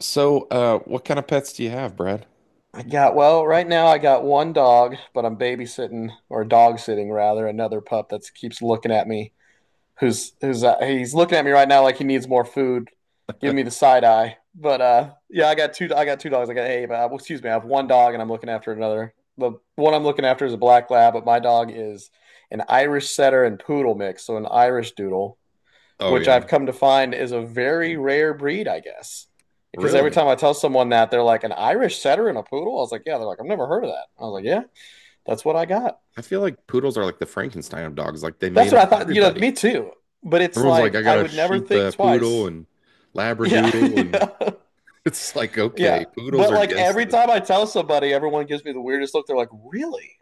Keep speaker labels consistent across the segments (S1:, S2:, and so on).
S1: So what kind of pets do you have, Brad?
S2: I got, well, right now I got one dog, but I'm babysitting or dog sitting rather another pup that keeps looking at me. Who's who's He's looking at me right now like he needs more food. Give me the side eye. I got two dogs. I got hey, but Excuse me, I have one dog and I'm looking after another. The one I'm looking after is a black lab, but my dog is an Irish setter and poodle mix, so an Irish doodle,
S1: Oh
S2: which
S1: yeah,
S2: I've come to find is a very rare breed, I guess. Because every
S1: really?
S2: time I tell someone that, they're like, an Irish setter and a poodle? I was like, yeah. They're like, I've never heard of that. I was like, yeah, that's what I got.
S1: I feel like poodles are like the Frankenstein of dogs. Like they made
S2: That's
S1: them
S2: what I
S1: with
S2: thought. You know,
S1: everybody.
S2: me too. But it's
S1: Everyone's like,
S2: like,
S1: I got
S2: I
S1: a
S2: would never
S1: sheep,
S2: think
S1: poodle,
S2: twice.
S1: and
S2: Yeah.
S1: labradoodle, and
S2: yeah.
S1: it's like,
S2: Yeah.
S1: okay, poodles
S2: But
S1: are
S2: like
S1: guess
S2: every
S1: the.
S2: time I tell somebody, everyone gives me the weirdest look. They're like, really?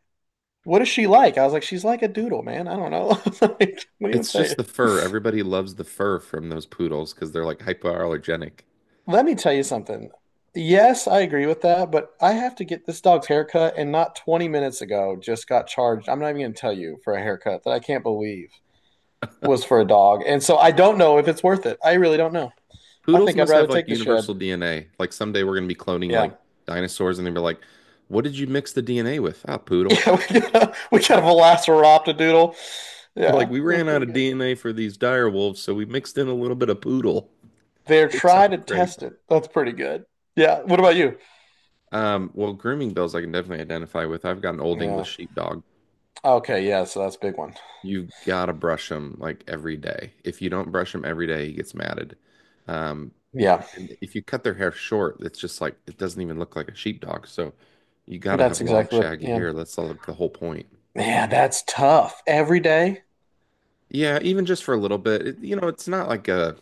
S2: What is she like? I was like, she's like a doodle, man. I don't know. Like, what do you want
S1: It's
S2: to tell
S1: just the
S2: you?
S1: fur. Everybody loves the fur from those poodles because they're like hypoallergenic.
S2: Let me tell you something. Yes, I agree with that, but I have to get this dog's haircut, and not 20 minutes ago just got charged. I'm not even going to tell you, for a haircut that I can't believe was for a dog. And so I don't know if it's worth it. I really don't know. I
S1: Poodles
S2: think I'd
S1: must
S2: rather
S1: have like
S2: take the shed.
S1: universal DNA. Like someday we're gonna be cloning
S2: Yeah.
S1: like dinosaurs, and they'll be like, "What did you mix the DNA with?" Ah, poodle.
S2: Yeah, we got, we got a Velociraptor.
S1: Like
S2: Yeah,
S1: we
S2: that's
S1: ran out
S2: pretty
S1: of
S2: good.
S1: DNA for these dire wolves, so we mixed in a little bit of poodle.
S2: They're
S1: Works
S2: tried
S1: out
S2: and
S1: great.
S2: tested. That's pretty good. Yeah. What about you?
S1: Well, grooming bills I can definitely identify with. I've got an old English
S2: Yeah.
S1: sheepdog.
S2: Okay. Yeah. So that's a big one.
S1: You gotta brush him like every day. If you don't brush him every day, he gets matted. Um,
S2: Yeah.
S1: and if you cut their hair short, it's just like it doesn't even look like a sheepdog. So you gotta have
S2: That's
S1: long,
S2: exactly what.
S1: shaggy
S2: Yeah.
S1: hair. That's like the whole point.
S2: Yeah. That's tough. Every day.
S1: Yeah, even just for a little bit. It, you know, it's not like a,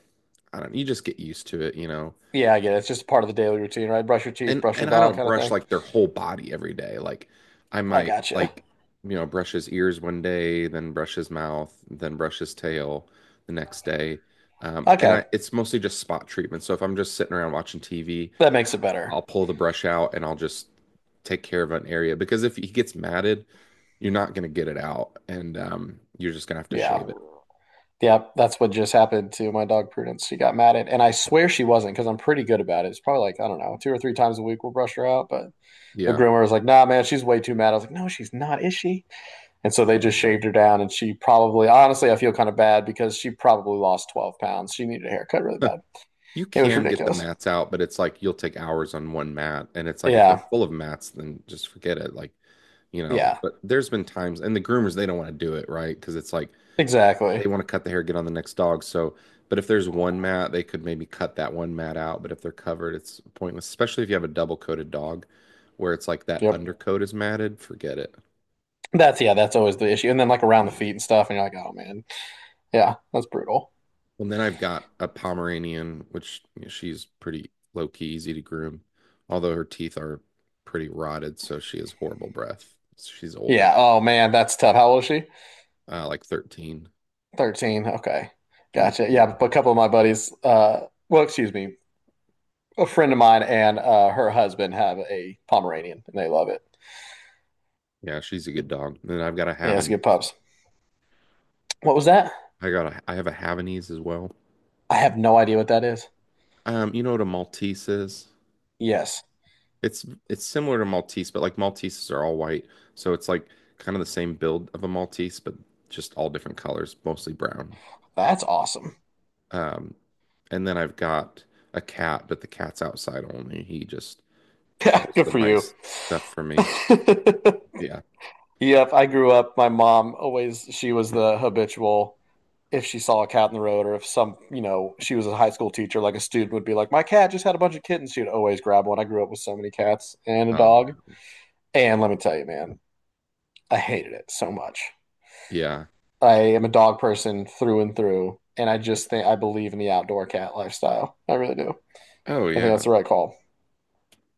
S1: I don't, you just get used to it,
S2: Yeah, I get it. It's just part of the daily routine, right? Brush your teeth,
S1: and
S2: brush the
S1: and I
S2: dog,
S1: don't
S2: kind of
S1: brush
S2: thing.
S1: like their whole body every day. Like I
S2: I
S1: might
S2: gotcha.
S1: like you know brush his ears one day, then brush his mouth, then brush his tail the next day. And
S2: Okay,
S1: I it's mostly just spot treatment. So if I'm just sitting around watching TV,
S2: that makes it better.
S1: I'll pull the brush out and I'll just take care of an area because if he gets matted, you're not gonna get it out, and you're just gonna have to
S2: Yeah,
S1: shave it.
S2: yeah, that's what just happened to my dog Prudence. She got mad at, and I swear she wasn't, because I'm pretty good about it. It's probably like, I don't know, two or three times a week we'll brush her out. But the
S1: Yeah.
S2: groomer was like, "Nah, man, she's way too mad." I was like, "No, she's not, is she?" And so they
S1: Oh
S2: just
S1: yeah.
S2: shaved her down, and she probably, honestly, I feel kind of bad because she probably lost 12 pounds. She needed a haircut really bad.
S1: You
S2: It was
S1: can get the
S2: ridiculous.
S1: mats out, but it's like you'll take hours on one mat. And it's like if they're
S2: Yeah,
S1: full of mats, then just forget it. Like you know,
S2: yeah,
S1: but there's been times, and the groomers, they don't want to do it, right? Because it's like
S2: exactly.
S1: they want to cut the hair, get on the next dog. So, but if there's one mat, they could maybe cut that one mat out. But if they're covered, it's pointless, especially if you have a double coated dog where it's like that
S2: Yep.
S1: undercoat is matted, forget it.
S2: That's, yeah, that's always the issue. And then like around the feet and stuff, and you're like, oh man, yeah, that's brutal.
S1: And then I've got a Pomeranian, which you know, she's pretty low key, easy to groom, although her teeth are pretty rotted. So she has horrible breath. She's older,
S2: Yeah, oh man, that's tough. How old is she?
S1: like 13.
S2: 13. Okay, gotcha. Yeah, but a couple of my buddies, excuse me, a friend of mine and her husband have a Pomeranian, and they love it.
S1: Yeah, she's a good dog. And then I've got a
S2: Yeah, it's good
S1: Havanese,
S2: pups. What was that?
S1: I have a Havanese as well.
S2: I have no idea what that is.
S1: You know what a Maltese is?
S2: Yes,
S1: It's similar to Maltese, but like Malteses are all white, so it's like kind of the same build of a Maltese, but just all different colors, mostly brown.
S2: that's awesome.
S1: Um, and then I've got a cat, but the cat's outside only. He just
S2: Yeah,
S1: kills
S2: good
S1: the
S2: for you.
S1: mice stuff for me. Yeah.
S2: Yep, I grew up. My mom always, she was the habitual, if she saw a cat in the road or if some, you know, she was a high school teacher, like a student would be like, my cat just had a bunch of kittens. She would always grab one. I grew up with so many cats and a
S1: Oh
S2: dog.
S1: no.
S2: And let me tell you, man, I hated it so much.
S1: Yeah.
S2: I am a dog person through and through. And I just think I believe in the outdoor cat lifestyle. I really do.
S1: Oh
S2: I think
S1: yeah.
S2: that's the right call.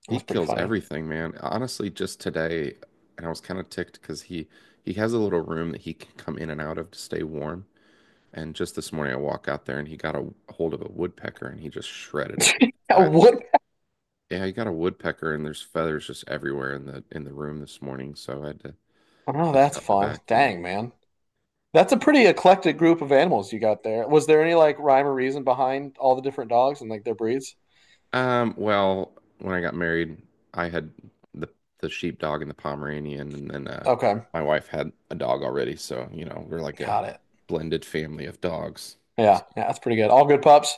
S1: He
S2: That's pretty
S1: kills
S2: funny.
S1: everything, man. Honestly, just today, and I was kind of ticked because he has a little room that he can come in and out of to stay warm. And just this morning, I walk out there and he got a hold of a woodpecker and he just shredded it. I,
S2: What?
S1: yeah, he got a woodpecker and there's feathers just everywhere in the room this morning, so I had to
S2: Oh, no,
S1: bust
S2: that's
S1: out the
S2: fun.
S1: vacuum.
S2: Dang, man. That's a pretty eclectic group of animals you got there. Was there any like rhyme or reason behind all the different dogs and like their breeds?
S1: Well, when I got married, I had the the sheepdog and the Pomeranian, and then
S2: Okay,
S1: my wife had a dog already, so you know we're like a
S2: got it.
S1: blended family of dogs.
S2: Yeah, yeah, that's pretty good. All good pups.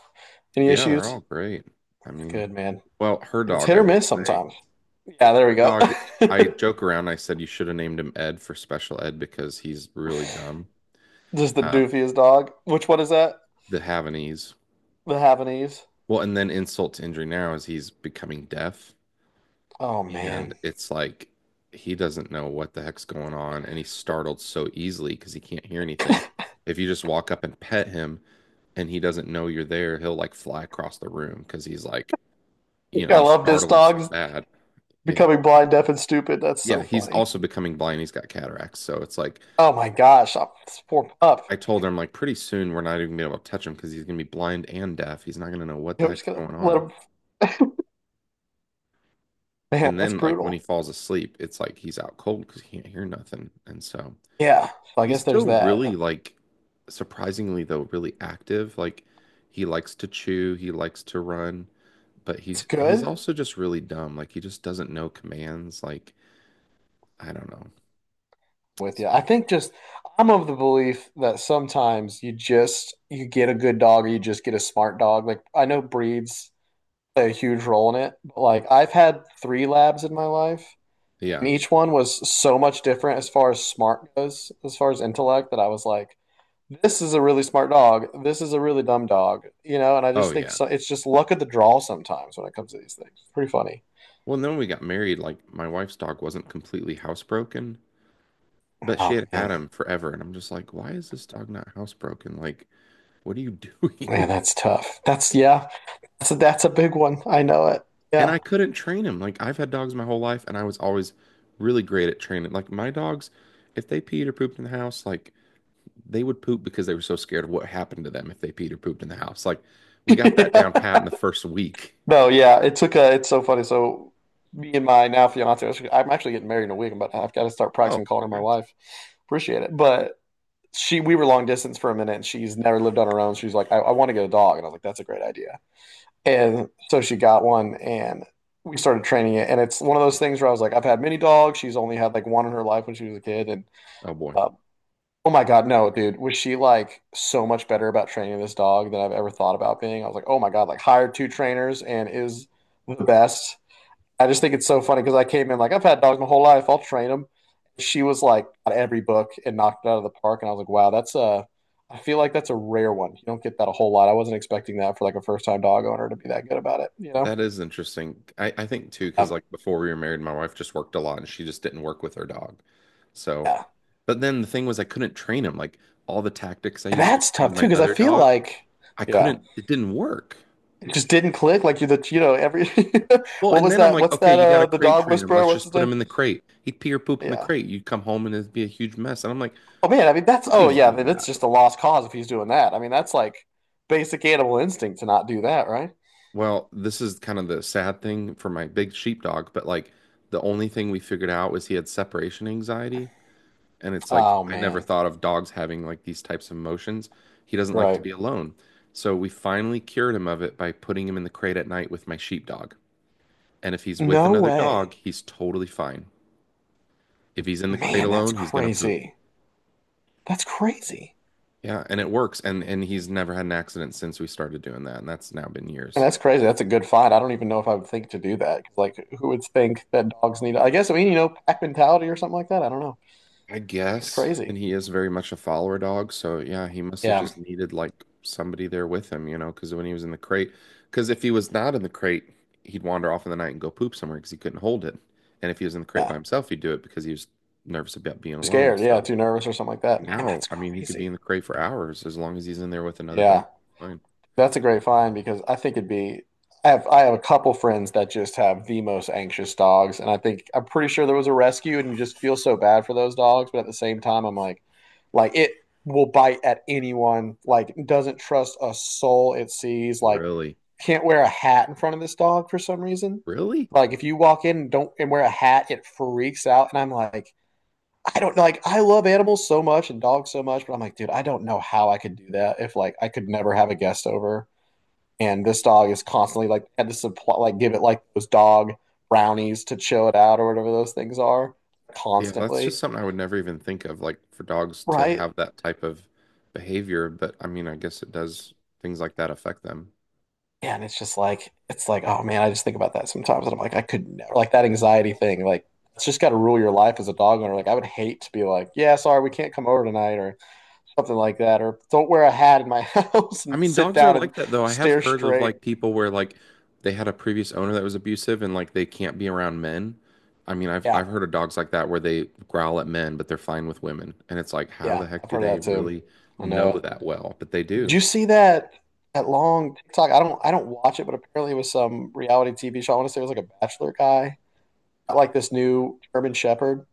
S2: Any
S1: Yeah, they're
S2: issues?
S1: all great. I mean,
S2: Good man.
S1: well, her
S2: It's
S1: dog,
S2: hit
S1: I
S2: or
S1: will
S2: miss
S1: say.
S2: sometimes. Yeah, there
S1: The
S2: we go.
S1: dog, I joke around. I said you should have named him Ed for special ed because he's really dumb.
S2: Just the
S1: Um,
S2: doofiest dog. Which one is that?
S1: the Havanese.
S2: The Havanese.
S1: Well, and then insult to injury now is he's becoming deaf,
S2: Oh
S1: and
S2: man,
S1: it's like he doesn't know what the heck's going on, and he's startled so easily because he can't hear anything. If you just walk up and pet him and he doesn't know you're there, he'll like fly across the room because he's like, you know,
S2: I
S1: you
S2: love this
S1: startle him so
S2: dog
S1: bad. Yeah.
S2: becoming blind, deaf, and stupid. That's so
S1: Yeah, he's
S2: funny.
S1: also becoming blind. He's got cataracts, so it's like
S2: Oh my gosh, I'm, this poor pup.
S1: I told her, I'm like, pretty soon we're not even gonna be able to touch him because he's gonna be blind and deaf. He's not gonna know what the
S2: We're just
S1: heck's
S2: gonna
S1: going
S2: let
S1: on.
S2: him. Man,
S1: And
S2: that's
S1: then, like, when he
S2: brutal.
S1: falls asleep, it's like he's out cold because he can't hear nothing. And so
S2: Yeah. So I
S1: he's
S2: guess there's
S1: still really,
S2: that.
S1: like, surprisingly, though, really active. Like, he likes to chew, he likes to run, but
S2: It's
S1: he's
S2: good.
S1: also just really dumb. Like, he just doesn't know commands. Like, I don't know.
S2: With you. I
S1: So,
S2: think just I'm of the belief that sometimes you just you get a good dog or you just get a smart dog. Like I know breeds play a huge role in it, but like I've had 3 labs in my life and
S1: yeah.
S2: each one was so much different as far as smart goes, as far as intellect, that I was like, this is a really smart dog. This is a really dumb dog, you know. And I
S1: Oh,
S2: just think
S1: yeah.
S2: so, it's just luck of the draw sometimes when it comes to these things. It's pretty funny.
S1: Well, and then when we got married, like, my wife's dog wasn't completely housebroken. But she
S2: Oh
S1: had had
S2: man,
S1: him forever, and I'm just like, why is this dog not housebroken? Like, what are you
S2: man,
S1: doing?
S2: that's tough. That's a big one. I know it.
S1: And I
S2: Yeah.
S1: couldn't train him. Like, I've had dogs my whole life, and I was always really great at training. Like, my dogs, if they peed or pooped in the house, like, they would poop because they were so scared of what happened to them if they peed or pooped in the house. Like, we got that down pat in the first week.
S2: No, yeah, it took a, it's so funny. So me and my now fiance, I am actually getting married in a week, but I've got to start practicing
S1: Oh,
S2: calling her my
S1: congrats.
S2: wife. Appreciate it. But she, we were long distance for a minute and she's never lived on her own. She's like, I want to get a dog. And I was like, that's a great idea. And so she got one and we started training it. And it's one of those things where I was like, I've had many dogs. She's only had like one in her life when she was a kid. And
S1: Oh, boy.
S2: uh, oh my God, no, dude. Was she like so much better about training this dog than I've ever thought about being? I was like, oh my God, like hired 2 trainers and is the best. I just think it's so funny because I came in like, I've had dogs my whole life. I'll train them. She was like at every book and knocked it out of the park. And I was like, wow, that's a, I feel like that's a rare one. You don't get that a whole lot. I wasn't expecting that for like a first time dog owner to be that good about it, you know?
S1: That is interesting. I think too, because
S2: Um,
S1: like before we were married, my wife just worked a lot and she just didn't work with her dog. So,
S2: yeah.
S1: but then the thing was, I couldn't train him. Like all the tactics I used to
S2: That's
S1: train
S2: tough too
S1: my
S2: because I
S1: other
S2: feel
S1: dog,
S2: like,
S1: I
S2: yeah.
S1: couldn't, it didn't work.
S2: It just didn't click. Like you're the you know every
S1: Well,
S2: what
S1: and
S2: was
S1: then I'm
S2: that?
S1: like,
S2: What's
S1: okay,
S2: that?
S1: you got to
S2: The
S1: crate
S2: dog
S1: train him.
S2: whisperer.
S1: Let's
S2: What's
S1: just
S2: his
S1: put
S2: name?
S1: him in the crate. He'd pee or poop in the
S2: Yeah.
S1: crate. You'd come home and it'd be a huge mess. And I'm like,
S2: Oh man, I mean that's oh
S1: puppies
S2: yeah,
S1: do
S2: then it's
S1: that.
S2: just a lost cause if he's doing that. I mean that's like basic animal instinct to not do that, right?
S1: Well, this is kind of the sad thing for my big sheepdog, but like the only thing we figured out was he had separation anxiety. And it's like,
S2: Oh
S1: I never
S2: man,
S1: thought of dogs having like these types of emotions. He doesn't like to
S2: right.
S1: be alone. So we finally cured him of it by putting him in the crate at night with my sheepdog. And if he's with
S2: No
S1: another
S2: way,
S1: dog, he's totally fine. If he's in the crate
S2: man. That's
S1: alone, he's gonna poop.
S2: crazy. That's crazy.
S1: Yeah, and it works. And he's never had an accident since we started doing that, and that's now been
S2: And
S1: years.
S2: that's crazy. That's a good find. I don't even know if I would think to do that. Like, who would think that dogs need? I guess, I mean, you know, pack mentality or something like that. I don't know.
S1: I
S2: That's
S1: guess. And
S2: crazy.
S1: he is very much a follower dog. So yeah, he must have
S2: Yeah,
S1: just needed like somebody there with him, you know, because when he was in the crate, because if he was not in the crate, he'd wander off in the night and go poop somewhere because he couldn't hold it. And if he was in the crate by
S2: yeah.
S1: himself, he'd do it because he was nervous about being
S2: Too
S1: alone.
S2: scared. Yeah,
S1: So
S2: too nervous or something like that. Man,
S1: now,
S2: that's
S1: I mean, he could be in
S2: crazy.
S1: the crate for hours as long as he's in there with another
S2: Yeah,
S1: dog. Fine.
S2: that's a great find, because I think it'd be I have a couple friends that just have the most anxious dogs, and I think I'm pretty sure there was a rescue, and you just feel so bad for those dogs, but at the same time, I'm like it will bite at anyone, like doesn't trust a soul it sees, like
S1: Really?
S2: can't wear a hat in front of this dog for some reason.
S1: Really?
S2: Like if you walk in and don't and wear a hat, it freaks out, and I'm like, I don't know. Like I love animals so much and dogs so much, but I'm like, dude, I don't know how I could do that if like I could never have a guest over and this dog is constantly like had to supply like give it like those dog brownies to chill it out or whatever those things are
S1: Yeah, that's just
S2: constantly,
S1: something I would never even think of, like for dogs to
S2: right?
S1: have that type of behavior. But I mean, I guess it does things like that affect them.
S2: And it's just like it's like, oh man, I just think about that sometimes and I'm like, I could never, like, that anxiety thing, like it's just got to rule your life as a dog owner. Like I would hate to be like, yeah, sorry, we can't come over tonight or something like that, or don't wear a hat in my house
S1: I
S2: and
S1: mean,
S2: sit
S1: dogs are
S2: down
S1: like
S2: and
S1: that though. I have
S2: stare
S1: heard of
S2: straight.
S1: like people where like they had a previous owner that was abusive and like they can't be around men. I mean, I've
S2: Yeah,
S1: I've heard of dogs like that where they growl at men, but they're fine with women. And it's like, how
S2: yeah,
S1: the heck
S2: I've
S1: do
S2: heard of
S1: they
S2: that too.
S1: really
S2: I
S1: know
S2: know
S1: that well? But they
S2: it. Did
S1: do.
S2: you see that long TikTok? I don't watch it, but apparently it was some reality TV show. I want to say it was like a bachelor guy, like this new German Shepherd,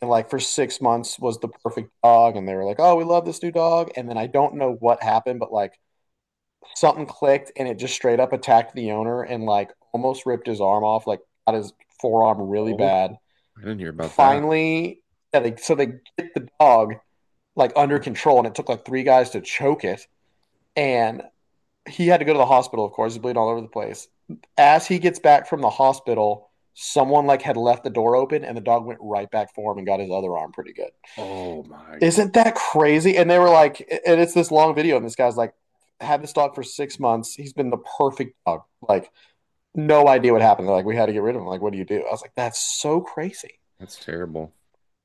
S2: and like for 6 months was the perfect dog, and they were like, "Oh, we love this new dog," and then I don't know what happened, but like something clicked, and it just straight up attacked the owner and like almost ripped his arm off, like got his forearm really
S1: Oh,
S2: bad.
S1: I didn't hear about that.
S2: Finally, yeah, they, so they get the dog like under control, and it took like 3 guys to choke it. And he had to go to the hospital, of course, he's bleeding all over the place. As he gets back from the hospital, someone like had left the door open, and the dog went right back for him and got his other arm pretty good.
S1: Oh my, g-
S2: Isn't that crazy? And they were like, and it's this long video, and this guy's like, had this dog for 6 months. He's been the perfect dog. Like, no idea what happened. They're like, we had to get rid of him. Like, what do you do? I was like, that's so crazy.
S1: that's terrible.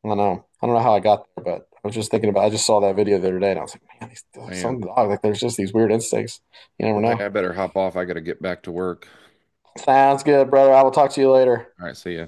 S2: I don't know. I don't know how I got there, but I was just thinking about. I just saw that video the other day, and I was like, man, these some
S1: Man.
S2: dog like there's just these weird instincts. You never
S1: Well, hey,
S2: know.
S1: I better hop off. I gotta get back to work.
S2: Sounds good, brother. I will talk to you later.
S1: All right, see ya.